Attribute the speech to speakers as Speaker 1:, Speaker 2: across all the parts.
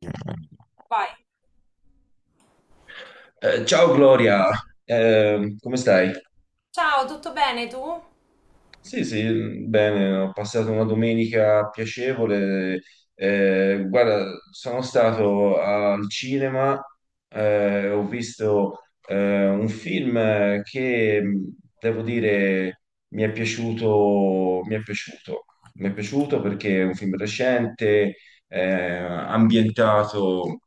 Speaker 1: Eh,
Speaker 2: Vai.
Speaker 1: Ciao Gloria. Come stai?
Speaker 2: Ciao, tutto bene tu? No,
Speaker 1: Sì, sì, bene, ho passato una domenica piacevole. Guarda, sono stato al cinema, ho visto un film che devo dire mi è piaciuto, mi è piaciuto, mi è piaciuto perché è un film recente, ambientato.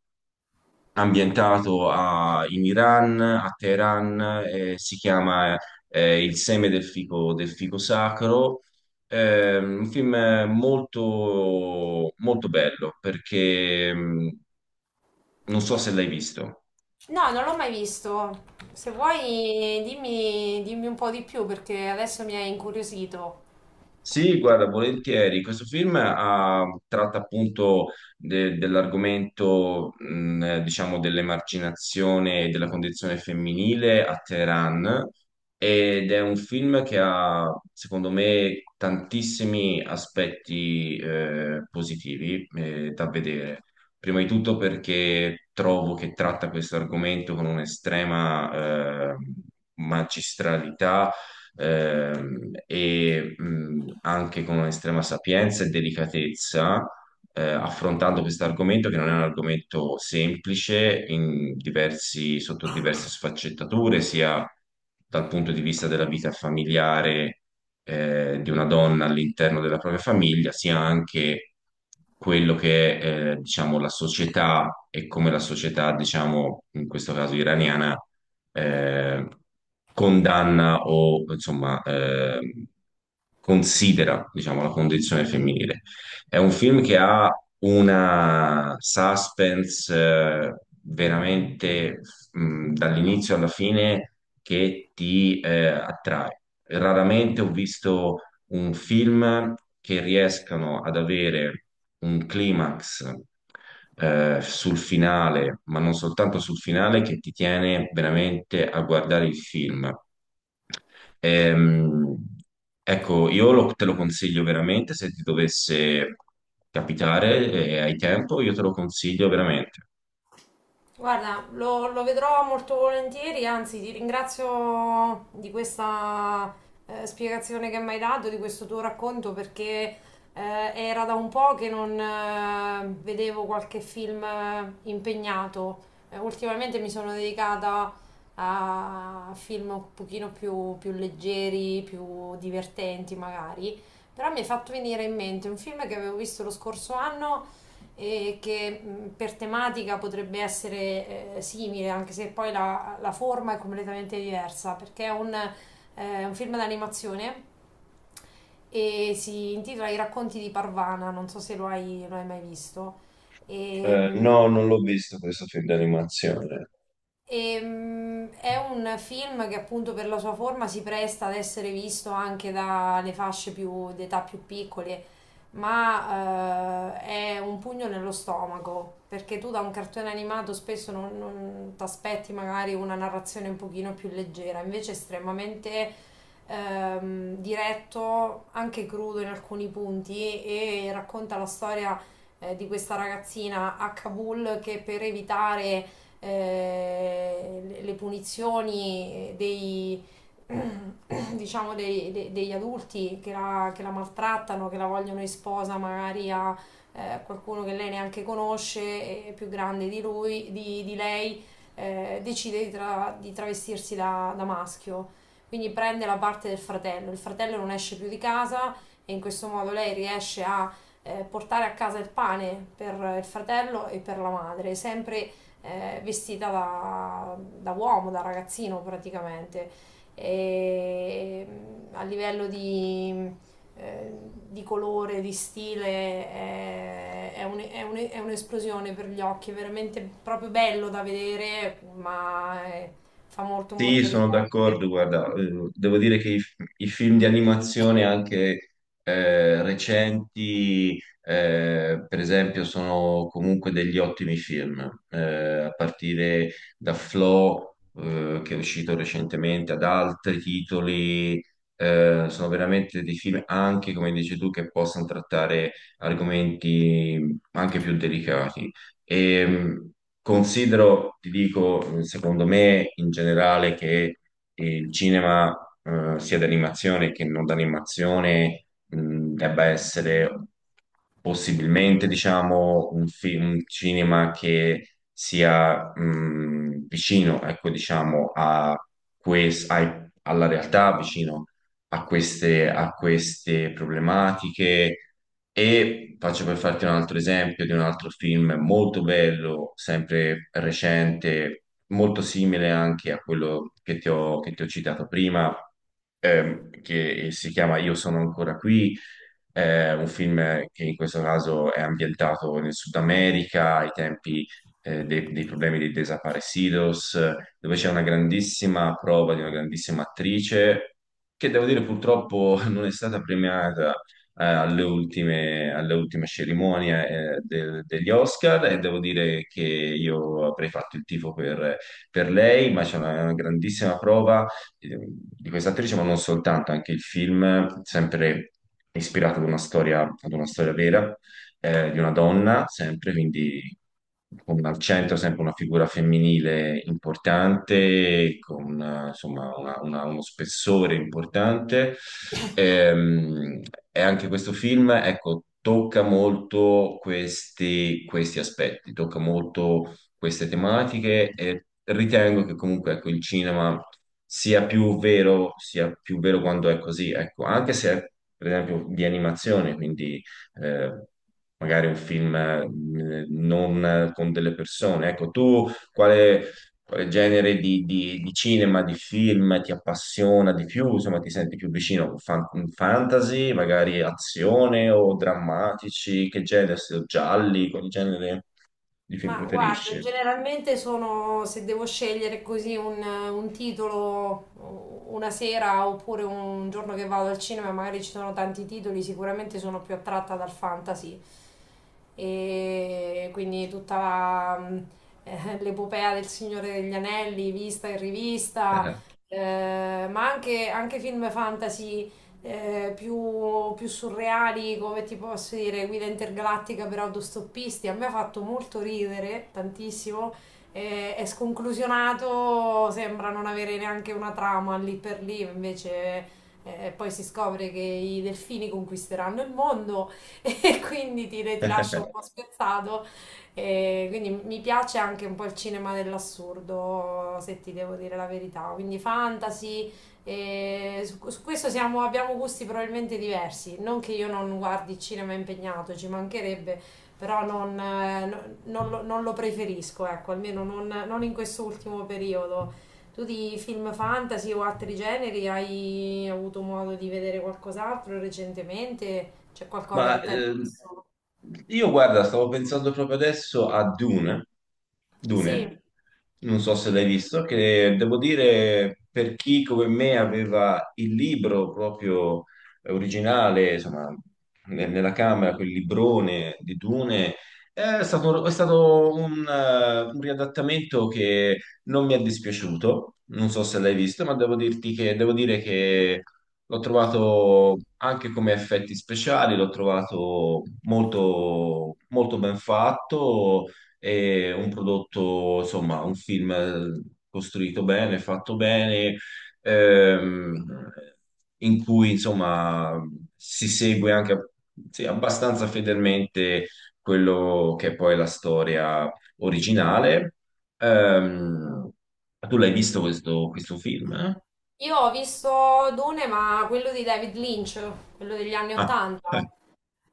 Speaker 1: In Iran, a Teheran, si chiama Il seme del fico, sacro. Un film molto, molto bello perché non so se l'hai visto.
Speaker 2: non l'ho mai visto. Se vuoi, dimmi un po' di più perché adesso mi hai incuriosito.
Speaker 1: Sì, guarda, volentieri. Questo film tratta appunto dell'argomento, diciamo, dell'emarginazione e della condizione femminile a Teheran, ed è un film che ha, secondo me, tantissimi aspetti positivi da vedere. Prima di tutto perché trovo che tratta questo argomento con un'estrema magistralità e anche con estrema sapienza e delicatezza, affrontando questo argomento che non è un argomento semplice in sotto diverse sfaccettature, sia dal punto di vista della vita familiare, di una donna all'interno della propria famiglia, sia anche quello che è, diciamo, la società, e come la società, diciamo, in questo caso iraniana, eh, condanna o, insomma, considera, diciamo, la condizione femminile. È un film che ha una suspense veramente, dall'inizio alla fine, che ti attrae. Raramente ho visto un film che riescano ad avere un climax sul finale, ma non soltanto sul finale, che ti tiene veramente a guardare il film. Ehm, ecco, io te lo consiglio veramente. Se ti dovesse capitare e hai tempo, io te lo consiglio veramente.
Speaker 2: Guarda, lo vedrò molto volentieri, anzi ti ringrazio di questa spiegazione che mi hai dato, di questo tuo racconto, perché era da un po' che non vedevo qualche film impegnato. Ultimamente mi sono dedicata a film un pochino più leggeri, più divertenti magari, però mi è fatto venire in mente un film che avevo visto lo scorso anno e che per tematica potrebbe essere simile, anche se poi la forma è completamente diversa, perché è un film d'animazione e si intitola I racconti di Parvana, non so se lo hai mai visto. E, mh,
Speaker 1: No, non l'ho visto questo film di animazione.
Speaker 2: è un film che appunto per la sua forma si presta ad essere visto anche dalle fasce d'età più piccole ma è un pugno nello stomaco, perché tu da un cartone animato spesso non ti aspetti magari una narrazione un pochino più leggera, invece è estremamente diretto, anche crudo in alcuni punti, e racconta la storia di questa ragazzina a Kabul che per evitare le punizioni dei diciamo degli adulti che la maltrattano, che la vogliono in sposa magari a qualcuno che lei neanche conosce, è più grande di lui, di lei, decide di travestirsi da maschio. Quindi prende la parte del fratello. Il fratello non esce più di casa e in questo modo lei riesce a portare a casa il pane per il fratello e per la madre, sempre vestita da uomo, da ragazzino praticamente e a livello eh, di colore, di stile è è un'esplosione per gli occhi, è veramente proprio bello da vedere, ma fa molto
Speaker 1: Sì,
Speaker 2: molto
Speaker 1: sono
Speaker 2: riflettere.
Speaker 1: d'accordo, guarda, devo dire che i film di animazione anche recenti, per esempio, sono comunque degli ottimi film, a partire da Flow, che è uscito recentemente, ad altri titoli, sono veramente dei film anche, come dici tu, che possono trattare argomenti anche più delicati. E, considero, ti dico, secondo me in generale che il cinema, sia d'animazione che non d'animazione, debba essere possibilmente, diciamo, un cinema che sia, vicino, ecco, diciamo, a alla realtà, vicino a queste problematiche. E faccio per farti un altro esempio di un altro film molto bello, sempre recente, molto simile anche a quello che ti ho citato prima, che si chiama Io sono ancora qui, un film che in questo caso è ambientato nel Sud America, ai tempi, dei problemi dei desaparecidos, dove c'è una grandissima prova di una grandissima attrice che devo dire purtroppo non è stata premiata alle ultime cerimonie degli Oscar, e devo dire che io avrei fatto il tifo per lei, ma c'è una grandissima prova di questa attrice, ma non soltanto, anche il film, sempre ispirato ad una storia, vera, di una donna, sempre, quindi con al centro sempre una figura femminile importante, con insomma uno spessore importante. Ehm, e anche questo film, ecco, tocca molto questi aspetti, tocca molto queste tematiche, e ritengo che comunque, ecco, il cinema sia più vero quando è così, ecco, anche se è, per esempio, di animazione, quindi eh, magari un film non con delle persone. Ecco, tu quale genere di cinema, di film ti appassiona di più? Insomma, ti senti più vicino? Fantasy, magari azione o drammatici? Che genere? Gialli? Quali genere di film
Speaker 2: Ma guarda,
Speaker 1: preferisci?
Speaker 2: generalmente sono, se devo scegliere così un titolo una sera oppure un giorno che vado al cinema, magari ci sono tanti titoli, sicuramente sono più attratta dal fantasy. E quindi tutta l'epopea del Signore degli Anelli, vista e rivista, ma anche film fantasy più surreali, come ti posso dire, guida intergalattica per autostoppisti. A me ha fatto molto ridere, tantissimo. È sconclusionato, sembra non avere neanche una trama lì per lì, invece. Poi si scopre che i delfini conquisteranno il mondo e quindi ti lascia un po' spiazzato. E quindi mi piace anche un po' il cinema dell'assurdo, se ti devo dire la verità. Quindi fantasy, e su questo abbiamo gusti probabilmente diversi. Non che io non guardi il cinema impegnato, ci mancherebbe, però non non lo preferisco, ecco, almeno non in quest'ultimo periodo. Tu di film fantasy o altri generi hai avuto modo di vedere qualcos'altro recentemente? C'è qualcosa
Speaker 1: Ma
Speaker 2: che ti è rimasto?
Speaker 1: io guarda, stavo pensando proprio adesso a Dune.
Speaker 2: Sì,
Speaker 1: Dune, non so se l'hai visto, che devo dire per chi come me aveva il libro proprio originale, insomma, nella camera, quel librone di Dune, è stato un riadattamento che non mi è dispiaciuto. Non so se l'hai visto, ma devo dire che l'ho trovato anche come effetti speciali, l'ho trovato molto, molto ben fatto, e un prodotto, insomma, un film costruito bene, fatto bene, ehm, in cui, insomma, si segue anche, sì, abbastanza fedelmente quello che è poi la storia originale. Ehm, Tu l'hai visto questo film, eh?
Speaker 2: io ho visto Dune, ma quello di David Lynch, quello degli anni
Speaker 1: Ah.
Speaker 2: Ottanta.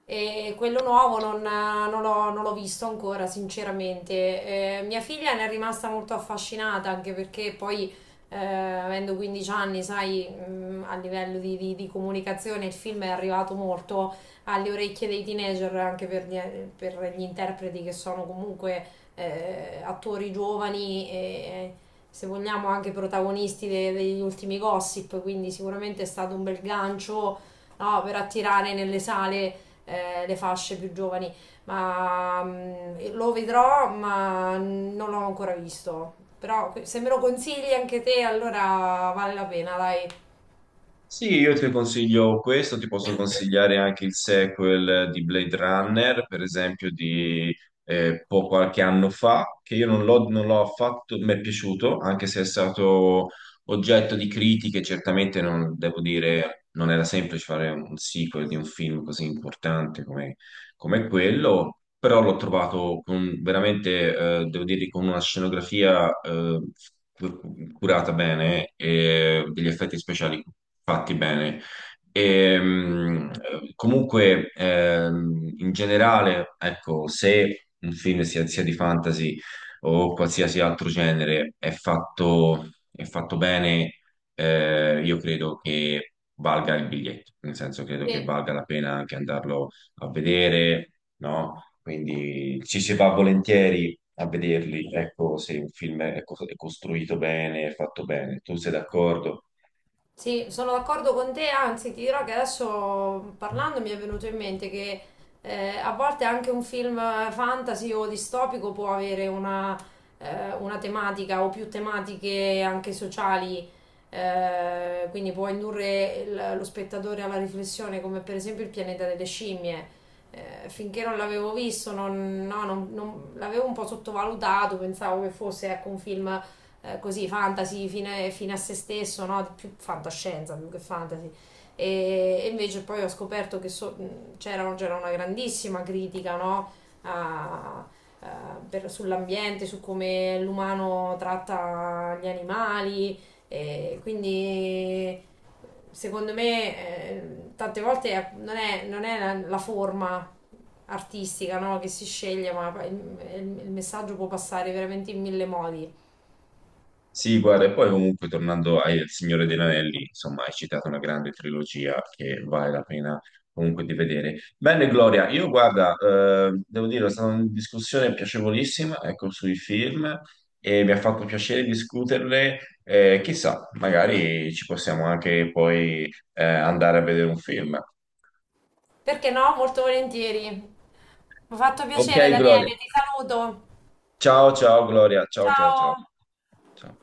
Speaker 2: E quello nuovo non l'ho non l'ho visto ancora, sinceramente. Mia figlia ne è rimasta molto affascinata, anche perché poi, avendo 15 anni, sai, a livello di comunicazione il film è arrivato molto alle orecchie dei teenager, anche per per gli interpreti che sono comunque attori giovani e, se vogliamo, anche protagonisti degli ultimi gossip, quindi sicuramente è stato un bel gancio, no, per attirare nelle sale le fasce più giovani, ma lo vedrò, ma non l'ho ancora visto. Però se me lo consigli anche te, allora vale la pena, dai.
Speaker 1: Sì, io ti consiglio questo, ti posso consigliare anche il sequel di Blade Runner, per esempio, di qualche anno fa, che io non l'ho affatto, mi è piaciuto, anche se è stato oggetto di critiche. Certamente non, devo dire, non era semplice fare un sequel di un film così importante come quello, però l'ho trovato veramente, devo dire, con una scenografia, curata bene, e degli effetti speciali fatti bene. E, comunque, in generale, ecco, se un film, sia, di fantasy o qualsiasi altro genere, è fatto bene, io credo che valga il biglietto, nel senso credo che
Speaker 2: Sì.
Speaker 1: valga la pena anche andarlo a vedere, no? Quindi ci si va volentieri a vederli, ecco, se un film è costruito bene, è fatto bene. Tu sei d'accordo?
Speaker 2: Sì, sono d'accordo con te, anzi ti dirò che adesso parlando mi è venuto in mente che a volte anche un film fantasy o distopico può avere una tematica o più tematiche anche sociali, quindi può indurre lo spettatore alla riflessione, come per esempio il pianeta delle scimmie. Finché non l'avevo visto, non, no, non- non- l'avevo un po' sottovalutato, pensavo che fosse, ecco, un film così fantasy fine, fine a se stesso, no? Più fantascienza più che fantasy. E invece poi ho scoperto che c'era una grandissima critica, no? a, Sull'ambiente, su come l'umano tratta gli animali, e quindi secondo me tante volte non è la forma artistica, no, che si sceglie, ma il messaggio può passare veramente in mille modi.
Speaker 1: Sì, guarda, e poi comunque, tornando al Signore degli Anelli, insomma, hai citato una grande trilogia che vale la pena comunque di vedere. Bene, Gloria, io guarda, devo dire, è stata una discussione piacevolissima, ecco, sui film, e mi ha fatto piacere discuterle. Chissà, magari ci possiamo anche poi andare a vedere un film.
Speaker 2: Perché no? Molto volentieri. Mi ha fatto
Speaker 1: Ok,
Speaker 2: piacere,
Speaker 1: Gloria.
Speaker 2: Daniele, ti saluto.
Speaker 1: Ciao, ciao, Gloria. Ciao, ciao, ciao.
Speaker 2: Ciao.
Speaker 1: Ciao.